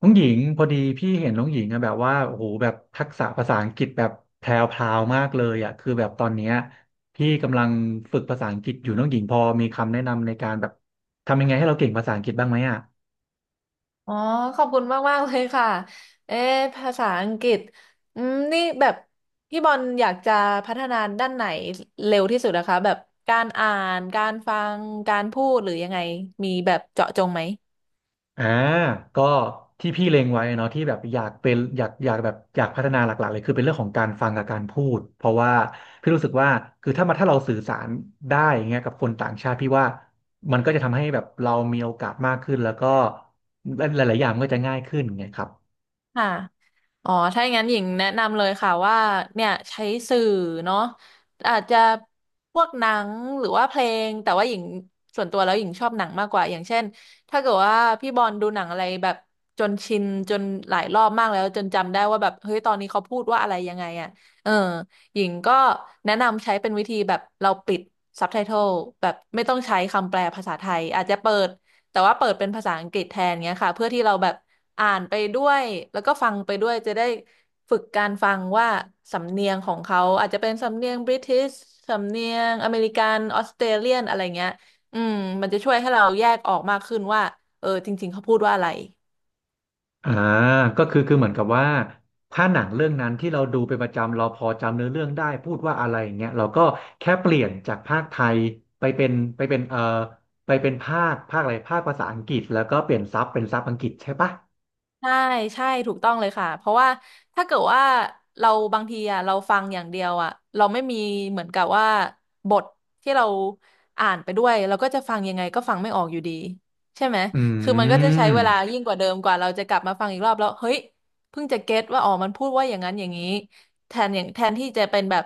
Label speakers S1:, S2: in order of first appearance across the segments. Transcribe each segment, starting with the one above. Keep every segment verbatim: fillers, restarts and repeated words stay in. S1: น้องหญิงพอดีพี่เห็นน้องหญิงอะแบบว่าโอ้โหแบบทักษะภาษาอังกฤษแบบแพรวพราวมากเลยอะคือแบบตอนเนี้ยพี่กำลังฝึกภาษาอังกฤษอยู่น้องหญิงพอมีคำแนะนำในการแบบทำยังไงให้เราเก่งภาษาอังกฤษบ้างไหมอะ
S2: อ๋อขอบคุณมากมากเลยค่ะเอ๊ะภาษาอังกฤษอืมนี่แบบพี่บอลอยากจะพัฒนาด้านไหนเร็วที่สุดนะคะแบบการอ่านการฟังการพูดหรือยังไงมีแบบเจาะจงไหม
S1: อ่าก็ที่พี่เล็งไว้เนาะที่แบบอยากเป็นอยากอยากแบบอยากพัฒนาหลักๆเลยคือเป็นเรื่องของการฟังกับการพูดเพราะว่าพี่รู้สึกว่าคือถ้ามาถ้าเราสื่อสารได้อย่างเงี้ยกับคนต่างชาติพี่ว่ามันก็จะทำให้แบบเรามีโอกาสมากขึ้นแล้วก็หลายๆอย่างมันก็จะง่ายขึ้นไงครับ
S2: ค่ะ อ๋อ ถ้าอย่างนั้นหญิงแนะนำเลยค่ะว่าเนี่ยใช้สื่อเนาะอาจจะพวกหนังหรือว่าเพลงแต่ว่าหญิงส่วนตัวแล้วหญิงชอบหนังมากกว่าอย่างเช่นถ้าเกิดว่าพี่บอลดูหนังอะไรแบบจนชินจนหลายรอบมากแล้วจนจำได้ว่าแบบเฮ้ยตอนนี้เขาพูดว่าอะไรยังไงอ่ะเออหญิงก็แนะนำใช้เป็นวิธีแบบเราปิดซับไตเติลแบบไม่ต้องใช้คำแปลภาษาไทยอาจจะเปิดแต่ว่าเปิดเป็นภาษาอังกฤษแทนเงี้ยค่ะเพื่อที่เราแบบ อ่านไปด้วยแล้วก็ฟังไปด้วยจะได้ฝึกการฟังว่าสำเนียงของเขาอาจจะเป็นสำเนียงบริติชสำเนียงอเมริกันออสเตรเลียนอะไรเงี้ยอืมมันจะช่วยให้เราแยกออกมากขึ้นว่าเออจริงๆเขาพูดว่าอะไร
S1: อ่าก็คือคือเหมือนกับว่าถ้าหนังเรื่องนั้นที่เราดูเป็นประจำเราพอจำเนื้อเรื่องได้พูดว่าอะไรอย่างเงี้ยเราก็แค่เปลี่ยนจากภาคไทยไปเป็นไปเป็นเอ่อไปเป็นภาคภาคอะไรภาคภาษาอังกฤษแล้วก็เปลี่ยนซับเป็นซับอังกฤษใช่ปะ
S2: ใช่ใช่ถูกต้องเลยค่ะเพราะว่าถ้าเกิดว่าเราบางทีอ่ะเราฟังอย่างเดียวอ่ะเราไม่มีเหมือนกับว่าบทที่เราอ่านไปด้วยเราก็จะฟังยังไงก็ฟังไม่ออกอยู่ดีใช่ไหม
S1: อื
S2: คือมันก็จะใช้
S1: ม
S2: เวลายิ่งกว่าเดิมกว่าเราจะกลับมาฟังอีกรอบแล้วเฮ้ยเพิ่งจะเก็ตว่าอ๋อมันพูดว่าอย่างนั้นอย่างนี้แทนอย่างแทนที่จะเป็นแบบ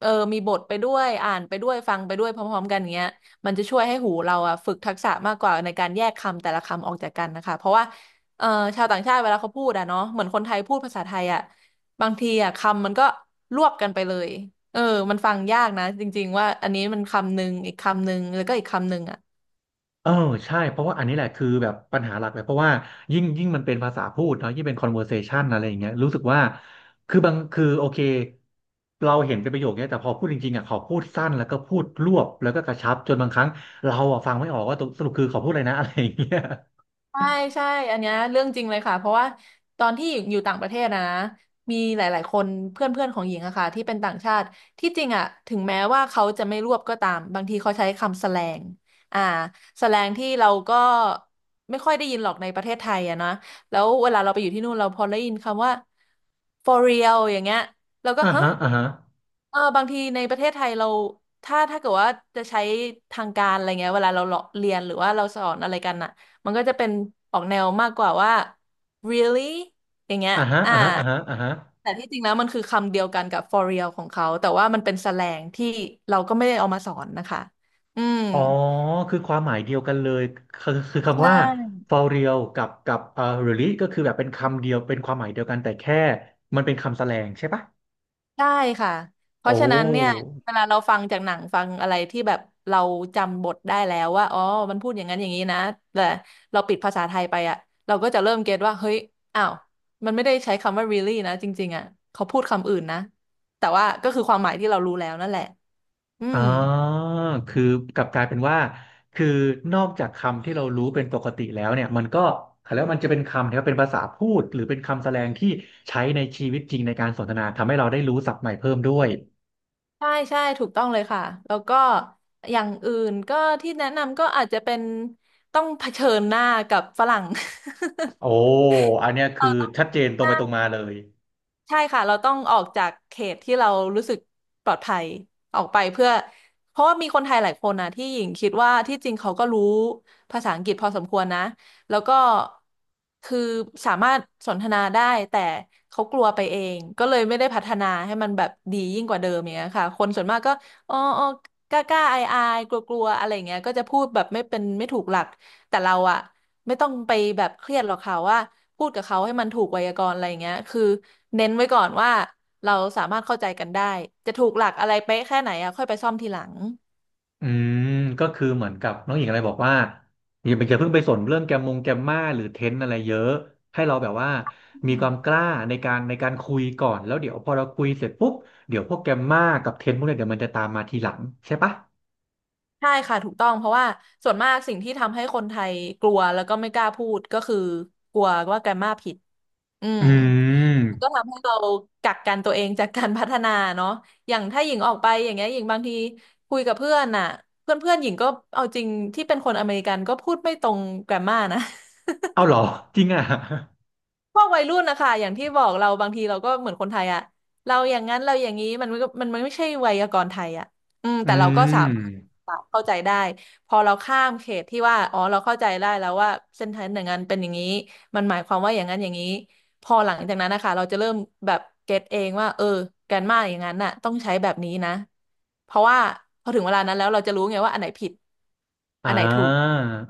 S2: เออมีบทไปด้วยอ่านไปด้วยฟังไปด้วยพร้อมๆกันอย่างเงี้ยมันจะช่วยให้หูเราอะฝึกทักษะมากกว่าในการแยกคำแต่ละคำออกจากกันนะคะเพราะว่า เอ่อชาวต่างชาติเวลาเขาพูดอะเนาะเหมือนคนไทยพูดภาษาไทยอะบางทีอะคำมันก็รวบกันไปเลยเออมันฟังยากนะจริงๆว่าอันนี้มันคำหนึ่งอีกคำหนึ่งแล้วก็อีกคำหนึ่งอะ
S1: เออใช่เพราะว่าอันนี้แหละคือแบบปัญหาหลักเลยเพราะว่ายิ่งยิ่งมันเป็นภาษาพูดเนาะยิ่งเป็น conversation อะไรอย่างเงี้ยรู้สึกว่าคือบางคือโอเคเราเห็นเป็นประโยคเนี้ยแต่พอพูดจริงๆอ่ะเขาพูดสั้นแล้วก็พูดรวบแล้วก็กระชับจนบางครั้งเราอ่ะฟังไม่ออกว่าตกสรุปคือเขาพูดอะไรนะ อะไรอย่างเงี้ย
S2: ใช่ใช่อันเนี้ยเรื่องจริงเลยค่ะเพราะว่าตอนที่อยู่ต่างประเทศนะมีหลายๆคนเพื่อนเพื่อนของหญิงอะค่ะที่เป็นต่างชาติที่จริงอะถึงแม้ว่าเขาจะไม่รวบก็ตามบางทีเขาใช้คำแสแลงอ่าแสแลงที่เราก็ไม่ค่อยได้ยินหรอกในประเทศไทยอะนะแล้วเวลาเราไปอยู่ที่นู่นเราพอได้ยินคำว่า for real อย่างเงี้ยเราก็
S1: อ่า
S2: ฮะ
S1: ฮะอ่าฮะ
S2: เออบางทีในประเทศไทยเราถ้าถ้าเกิดว่าจะใช้ทางการอะไรเงี้ยเวลาเราเลาะเรียนหรือว่าเราสอนอะไรกันน่ะ มันก็จะเป็นออกแนวมากกว่าว่า really อย่างเงี้ย
S1: อ่าฮะ
S2: อ่า
S1: อ่าฮะอ่าฮะอ่าฮะ
S2: แต่ที่จริงแล้วมันคือคำเดียวกันกับ for real ของเขาแต่ว่ามันเป็นแสแลงที่เราก็ไม่ได้เอามาสอนนะคะอืม
S1: อ๋อคือความหมายเดียวกันเลยคือคือคำ
S2: ใช่
S1: ว่า for real กับกับเอ่อ really ก็คือแบบเป็นคำเดียวเป็นความหมายเดียวกันแต่แค่มันเป็นคำแสลงใช่ปะ
S2: ใช่ค่ะ เพ
S1: โอ้
S2: ราะฉะนั้นเนี่ยเวลาเราฟังจากหนังฟังอะไรที่แบบเราจำบทได้แล้วว่าอ๋อมันพูดอย่างนั้นอย่างนี้นะแต่เราปิดภาษาไทยไปอะเราก็จะเริ่มเก็ตว่าเฮ้ยอ้าวมันไม่ได้ใช้คำว่า really นะจริงๆอะเขาพูดคำอื่นนะแต่ว่าก็คือความหมายที่เรารู้แล้วนั่นแหละ อื
S1: อ่
S2: ม
S1: าคือกลับกลายเป็นว่าคือนอกจากคำที่เรารู้เป็นปกติแล้วเนี่ยมันก็แล้วมันจะเป็นคำที่ว่าเป็นภาษาพูดหรือเป็นคำแสดงที่ใช้ในชีวิตจริงในการสนทนาทำให้เราได้รู้ศัพท์ใหม่เพิ่มด้วย
S2: ใช่ใช่ถูกต้องเลยค่ะแล้วก็อย่างอื่นก็ที่แนะนำก็อาจจะเป็นต้องเผชิญหน้ากับฝรั่ง
S1: โอ้อันเนี้ย คื
S2: เรา
S1: อ
S2: ต้อง
S1: ชัดเจนตร
S2: ห
S1: งไป
S2: น้า
S1: ตรงมาเลย
S2: ใช่ค่ะเราต้องออกจากเขตที่เรารู้สึกปลอดภัยออกไปเพื่อเพราะว่ามีคนไทยหลายคนนะที่หญิงคิดว่าที่จริงเขาก็รู้ภาษาอังกฤษพอสมควรนะแล้วก็คือสามารถสนทนาได้แต่เขากลัวไปเองก็เลยไม่ได้พัฒนาให้มันแบบดียิ่งกว่าเดิมอย่างเงี้ยค่ะคนส่วนมากก็อ๋ออ๋อกล้ากล้าอายอายกลัวกลัวๆอะไรอย่างเงี้ยก็จะพูดแบบไม่เป็นไม่ถูกหลักแต่เราอะไม่ต้องไปแบบเครียดหรอกค่ะว่าพูดกับเขาให้มันถูกไวยากรณ์อะไรอย่างเงี้ยคือ เน้นไว้ก่อนว่าเราสามารถเข้าใจกันได้จะถูกหลักอะไรเป๊ะแค่ไหนอ่ะค่อยไปซ่อมทีหลัง
S1: อืมก็คือเหมือนกับน้องหญิงอะไรบอกว่าอย่าไปอย่าเพิ่งไปสนเรื่องแกมมงแกมมาหรือเทรนอะไรเยอะให้เราแบบว่ามี
S2: อื
S1: ค
S2: ม
S1: วามกล้าในการในการคุยก่อนแล้วเดี๋ยวพอเราคุยเสร็จปุ๊บเดี๋ยวพวกแกมมากับเทรนพวกเนี้ยเดี๋ยวมันจะตามมาทีหลังใช่ปะ
S2: ใช่ค่ะถูกต้องเพราะว่าส่วนมากสิ่งที่ทำให้คนไทยกลัวแล้วก็ไม่กล้าพูดก็คือกลัวว่าแกรมมาผิดอืม
S1: อื
S2: ก็
S1: ม
S2: ทำให้เรากักกันตัวเองจากการพัฒนาเนาะอย่างถ้าหญิงออกไปอย่างเงี้ยหญิงบางทีคุยกับเพื่อนน่ะเพื่อนเพื่อนหญิงก็เอาจริงที่เป็นคนอเมริกันก็พูดไม่ตรงแกรมมานะ
S1: เอาเหรอจริงอ่ะ
S2: พวกวัยรุ่นนะคะอย่างที่บอกเราบางทีเราก็เหมือนคนไทยอะเราอย่างนั้นเราอย่างนี้มันก็มันมันไม่ใช่ไวยากรณ์ไทยอะอืม
S1: อื
S2: แต่เราก็สามารถ
S1: ม
S2: เข้าใจได้พอเราข้ามเขตที่ว่าอ๋อเราเข้าใจได้แล้วว่าเส้นทางอย่างนั้นเป็นอย่างนี้มันหมายความว่าอย่างนั้นอย่างนี้พอหลังจากนั้นนะคะเราจะเริ่มแบบเก็ตเองว่าเออแกรนมาอย่างนั้นน่ะต้องใช้แบบนี้นะเพราะว่าพอถึงเวลานั้นแล้วเราจะรู้ไงว่าอันไหนผิด
S1: อ่
S2: อันไหนถูก
S1: า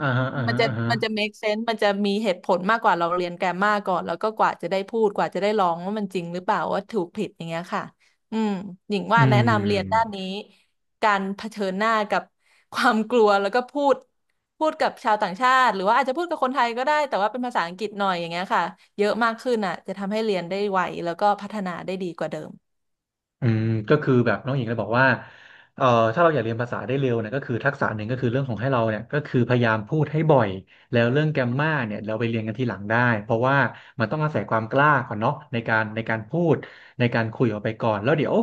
S1: อ่าฮะอ่า
S2: มัน
S1: ฮะ
S2: จะ
S1: อ่าฮะ
S2: มันจะ make sense มันจะมีเหตุผลมากกว่าเราเรียนแกรมมาก่อนแล้วก็กว่าจะได้พูดกว่าจะได้ลองว่ามันจริงหรือเปล่าว่าถูกผิดอย่างเงี้ยค่ะอืมหญิง
S1: อื
S2: ว่า
S1: ม
S2: แนะนำเรียนด้านนี้การเผชิญหน้ากับความกลัวแล้วก็พูดพูดกับชาวต่างชาติหรือว่าอาจจะพูดกับคนไทยก็ได้แต่ว่าเป็นภาษาอังกฤษหน่อยอย่างเงี้ยค่ะเยอะมากขึ้นอ่ะจะทำให้เรียนได้ไวแล้วก็พัฒนาได้ดีกว่าเดิม
S1: อืมก็คือแบบน้องหญิงเลยบอกว่าเอ่อถ้าเราอยากเรียนภาษาได้เร็วเนี่ยก็คือทักษะหนึ่งก็คือเรื่องของให้เราเนี่ยก็คือพยายามพูดให้บ่อยแล้วเรื่องแกรมมาเนี่ยเราไปเรียนกันทีหลังได้เพราะว่ามันต้องอาศัยความกล้าก่อนเนาะในการในการพูดในการคุยออกไปก่อนแล้วเดี๋ยว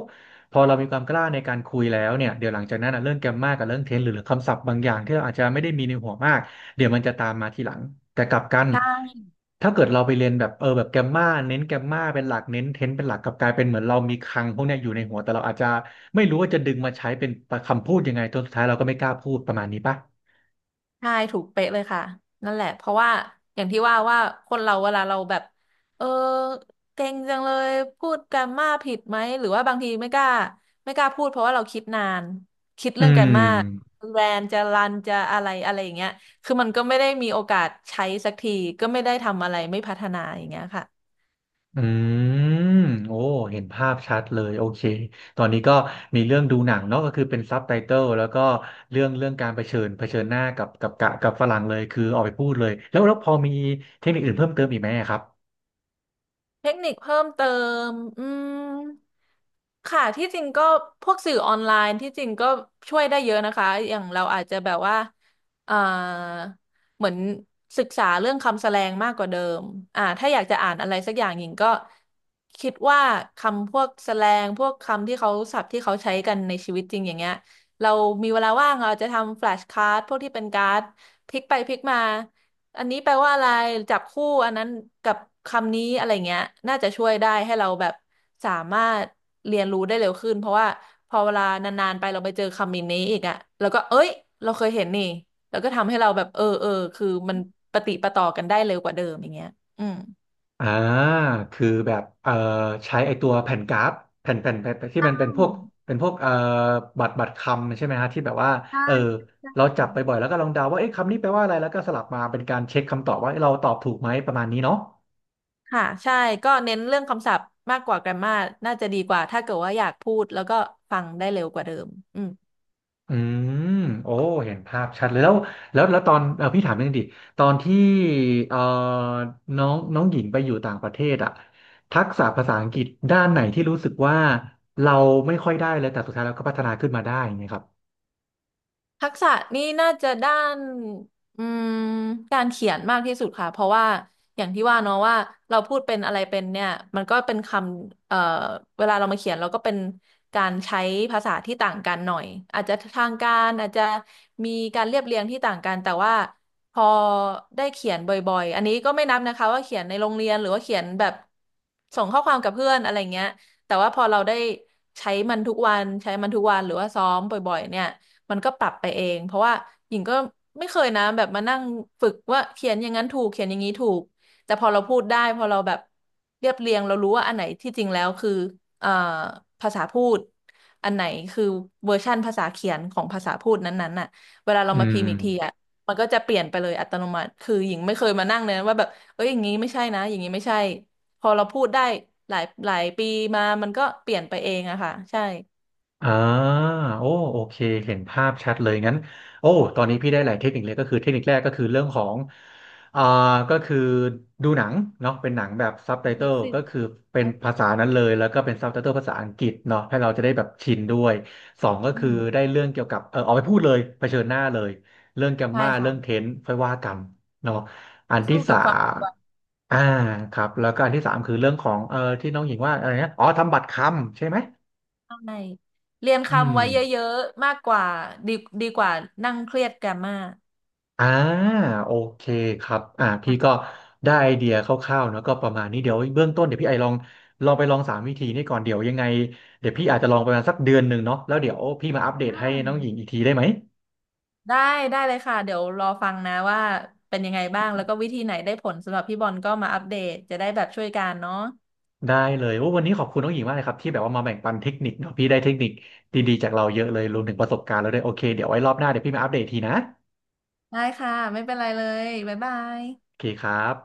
S1: พอเรามีความกล้าในการคุยแล้วเนี่ยเดี๋ยวหลังจากนั้นนะเรื่องแกรมมากับเรื่องเทนส์หรือคำศัพท์บางอย่างที่เราอาจจะไม่ได้มีในหัวมาก เดี๋ยวมันจะตามมาทีหลังแต่กลับกันถ้าเกิดเราไปเรียนแบบเออแบบแกมมาเน้นแกมมาเป็นหลักเน้นเทนเป็นหลักกลับกลายเป็นเหมือนเรามีคลังพวกเนี้ยอยู่ในหัวแต่เราอาจจะไม่รู้ว่าจะดึงมาใช้เป็นคำพูดยังไงจนสุดท้ายเราก็ไม่กล้าพูดประมาณนี้ปะ
S2: ใช่ถูกเป๊ะเลยค่ะนั่นแหละเพราะว่าอย่างที่ว่าว่าคนเราเวลาเราแบบเออเก่งจังเลยพูดแกรมมาผิดไหมหรือว่าบางทีไม่กล้าไม่กล้าพูดเพราะว่าเราคิดนานคิด
S1: อื
S2: เรื่องแกรมมา
S1: ม
S2: แรนจะรันจะอะไรอะไรอย่างเงี้ยคือมันก็ไม่ได้มีโอกาสใช้สักทีก็ไม่ได้ทำอะไรไม่พัฒนาอย่างเงี้ยค่ะ
S1: อืมโอ้เห็นภาพชัดเลยโอเคตอนนี้ก็มีเรื่องดูหนังเนาะก็คือเป็นซับไตเติลแล้วก็เรื่องเรื่องการเผชิญเผชิญหน้ากับกับกะกับฝรั่งเลยคือออกไปพูดเลยแล้วแล้วพอมีเทคนิคอื่นเพิ่มเติมอีกไหมอะครับ
S2: เทคนิคเพิ่มเติมอืมค่ะที่จริงก็พวกสื่อออนไลน์ที่จริงก็ช่วยได้เยอะนะคะ อย่างเราอาจจะแบบว่าเอ่อเหมือนศึกษาเรื่องคำแสลงมากกว่าเดิมอ่าถ้าอยากจะอ่านอะไรสักอย่างหญิงก็คิดว่าคำพวกแสลงพวกคำที่เขาศัพท์ที่เขาใช้กันในชีวิตจริงอย่างเงี้ยเรามีเวลาว่างเราอาจจะทำแฟลชการ์ดพวกที่เป็นการ์ดพลิกไปพลิกมา อันนี้แปลว่าอะไรจับคู่อันนั้นกับคำนี้อะไรเงี้ยน่าจะช่วยได้ให้เราแบบสามารถเรียนรู้ได้เร็วขึ้นเพราะว่าพอเวลานานๆไปเราไปเจอคำนี้อีกอะแล้วก็เอ้ยเราเคยเห็นนี่แล้วก็ทำให้เราแบบเออเออคือมันปะติดปะต่อกันได้เร็วกว่าเดิมอย่างเงี้ยอืม
S1: อ่าคือแบบเอ่อใช้ไอตัวแผ่นกราฟแผ่นแผ่นแผ่นแผ่นที่มันเป็นพวก
S2: ใ
S1: เป็นพวกเอ่อบัตรบัตรคำใช่ไหมฮะที่แบบว่า
S2: ช่
S1: เออเรา
S2: ใช่
S1: จับไปบ่อยแล้วก็ลองเดาว่าเอ๊ะคำนี้แปลว่าอะไรแล้วก็สลับมาเป็นการเช็คคำตอบว่าเอ๊ะเราตอบถูกไหมประมาณนี้เนาะ
S2: ค่ะใช่ก็เน้นเรื่องคำศัพท์มากกว่าแกรมมาน่าจะดีกว่าถ้าเกิดว่าอยากพูดแล้วก็ฟังได้เร็วกว่าเดิมอืม
S1: อืมโอ้เห็นภาพชัดเลยแล้วแล้วแล้วตอนเออพี่ถามนิดนึงดิตอนที่เอ่อน้องน้องหญิงไปอยู่ต่างประเทศอะทักษะภาษาอังกฤษด้านไหนที่รู้สึกว่าเราไม่ค่อยได้เลยแต่สุดท้ายเราก็พัฒนาขึ้นมาได้อย่างเงี้ยครับ
S2: ทักษะนี่น่าจะด้านอืมการเขียนมากที่สุดค่ะเพราะว่าอย่างที่ว่าเนาะว่าเราพูดเป็นอะไรเป็นเนี่ยมันก็เป็นคำเอ่อเวลาเรามาเขียนเราก็เป็นการใช้ภาษาที่ต่างกันหน่อยอาจจะทางการอาจจะมีการเรียบเรียงที่ต่างกันแต่ว่าพอได้เขียนบ่อยๆอันนี้ก็ไม่นับนะคะว่าเขียนในโรงเรียนหรือว่าเขียนแบบส่งข้อความกับเพื่อนอะไรเงี้ยแต่ว่าพอเราได้ใช้มันทุกวันใช้มันทุกวันหรือว่าซ้อมบ่อยๆเนี่ย มันก็ปรับไปเองเพราะว่าหญิงก็ไม่เคยนะแบบมานั่งฝึกว่าเขียนอย่างนั้นถูกเขียนอย่างนี้ถูกแต่พอเราพูดได้พอเราแบบเรียบเรียงเรารู้ว่าอันไหนที่จริงแล้วคือเอ่อภาษาพูดอันไหนคือเวอร์ชั่นภาษาเขียนของภาษาพูดนั้นๆน่ะเวลาเรา
S1: อื
S2: มาพิ
S1: ม
S2: มพ์อีกทีอ่ะมันก็จะเปลี่ยนไปเลยอัตโนมัติคือหญิงไม่เคยมานั่งเลยนะว่าแบบเอ้ยอย่างนี้ไม่ใช่นะอย่างนี้ไม่ใช่พอเราพูดได้หลายหลายปีมามันก็เปลี่ยนไปเองอะค่ะใช่
S1: อ่าโอ้โอเคเห็นภาพชัดเลยงั้นโอ้ตอนนี้พี่ได้หลายเทคนิคเลยก็คือเทคนิคแรกก็คือเรื่องของอ่าก็คือดูหนังเนาะเป็นหนังแบบซับไตเติลก็
S2: Flexing
S1: คือเป็นภาษานั้นเลย แล้วก็เป็นซับไตเติลภาษาอังกฤษเนาะให้เราจะได้แบบชินด้วยสองก็
S2: อื
S1: คือ
S2: ม
S1: ได้เรื่องเกี่ยวกับเออเอาไปพูดเลยเผชิญหน้าเลย เรื่องแกม
S2: ใช่
S1: มาเรื่องเท
S2: ค่ะ
S1: นส์ค่อยว่ากันเนาะอันที่
S2: สู้
S1: สา
S2: กับความกด
S1: ม
S2: ดัน
S1: อ่าครับแล้วก็อันที่สามคือเรื่องของเออที่น้องหญิงว่าอะไรนะอ๋อทำบัตรคำใช่ไหม
S2: ใช่เรียน
S1: อื
S2: คำ
S1: ม
S2: ไว้เยอะๆ มากกว่าดีดีกว่านั่งเครียดแกรมมา
S1: อ่าโอเคครับอ่าพี่ก็
S2: ค่ะ
S1: ได้ไอเดียคร่าวๆเนอะก็ประมาณนี้เดี๋ยวเบื้องต้นเดี๋ยวพี่ไอลองลองไปลองสามวิธีนี่ก่อนเดี๋ยวยังไงเดี๋ยวพี่อาจจะลองประมาณสักเดือนหนึ่งเนาะแล้วเดี๋ยวพี่มาอัปเด
S2: อื
S1: ตให้
S2: ม
S1: น้องหญิงอีกทีได้ไหม
S2: ได้ได้เลยค่ะเดี๋ยวรอฟังนะว่าเป็นยังไงบ้างแล้วก็วิธีไหนได้ผลสำหรับพี่บอลก็มาอัปเดตจะได้แบบช่วยกันเนาะ
S1: ได้เลยโอ้วันนี้ขอบคุณน้องหญิงมากเลยครับที่แบบว่ามาแบ่งปันเทคนิคเนาะพี่ได้เทคนิคดีๆจากเราเยอะเลยรวมถึงประสบการณ์แล้วด้วยโอเคเดี๋ยวไว้รอบหน้าเดี๋ยวพี่มาอัปเดตทีนะ
S2: ได้ค่ะไม่เป็นไรเลยบ๊ายบาย
S1: โอเคครับ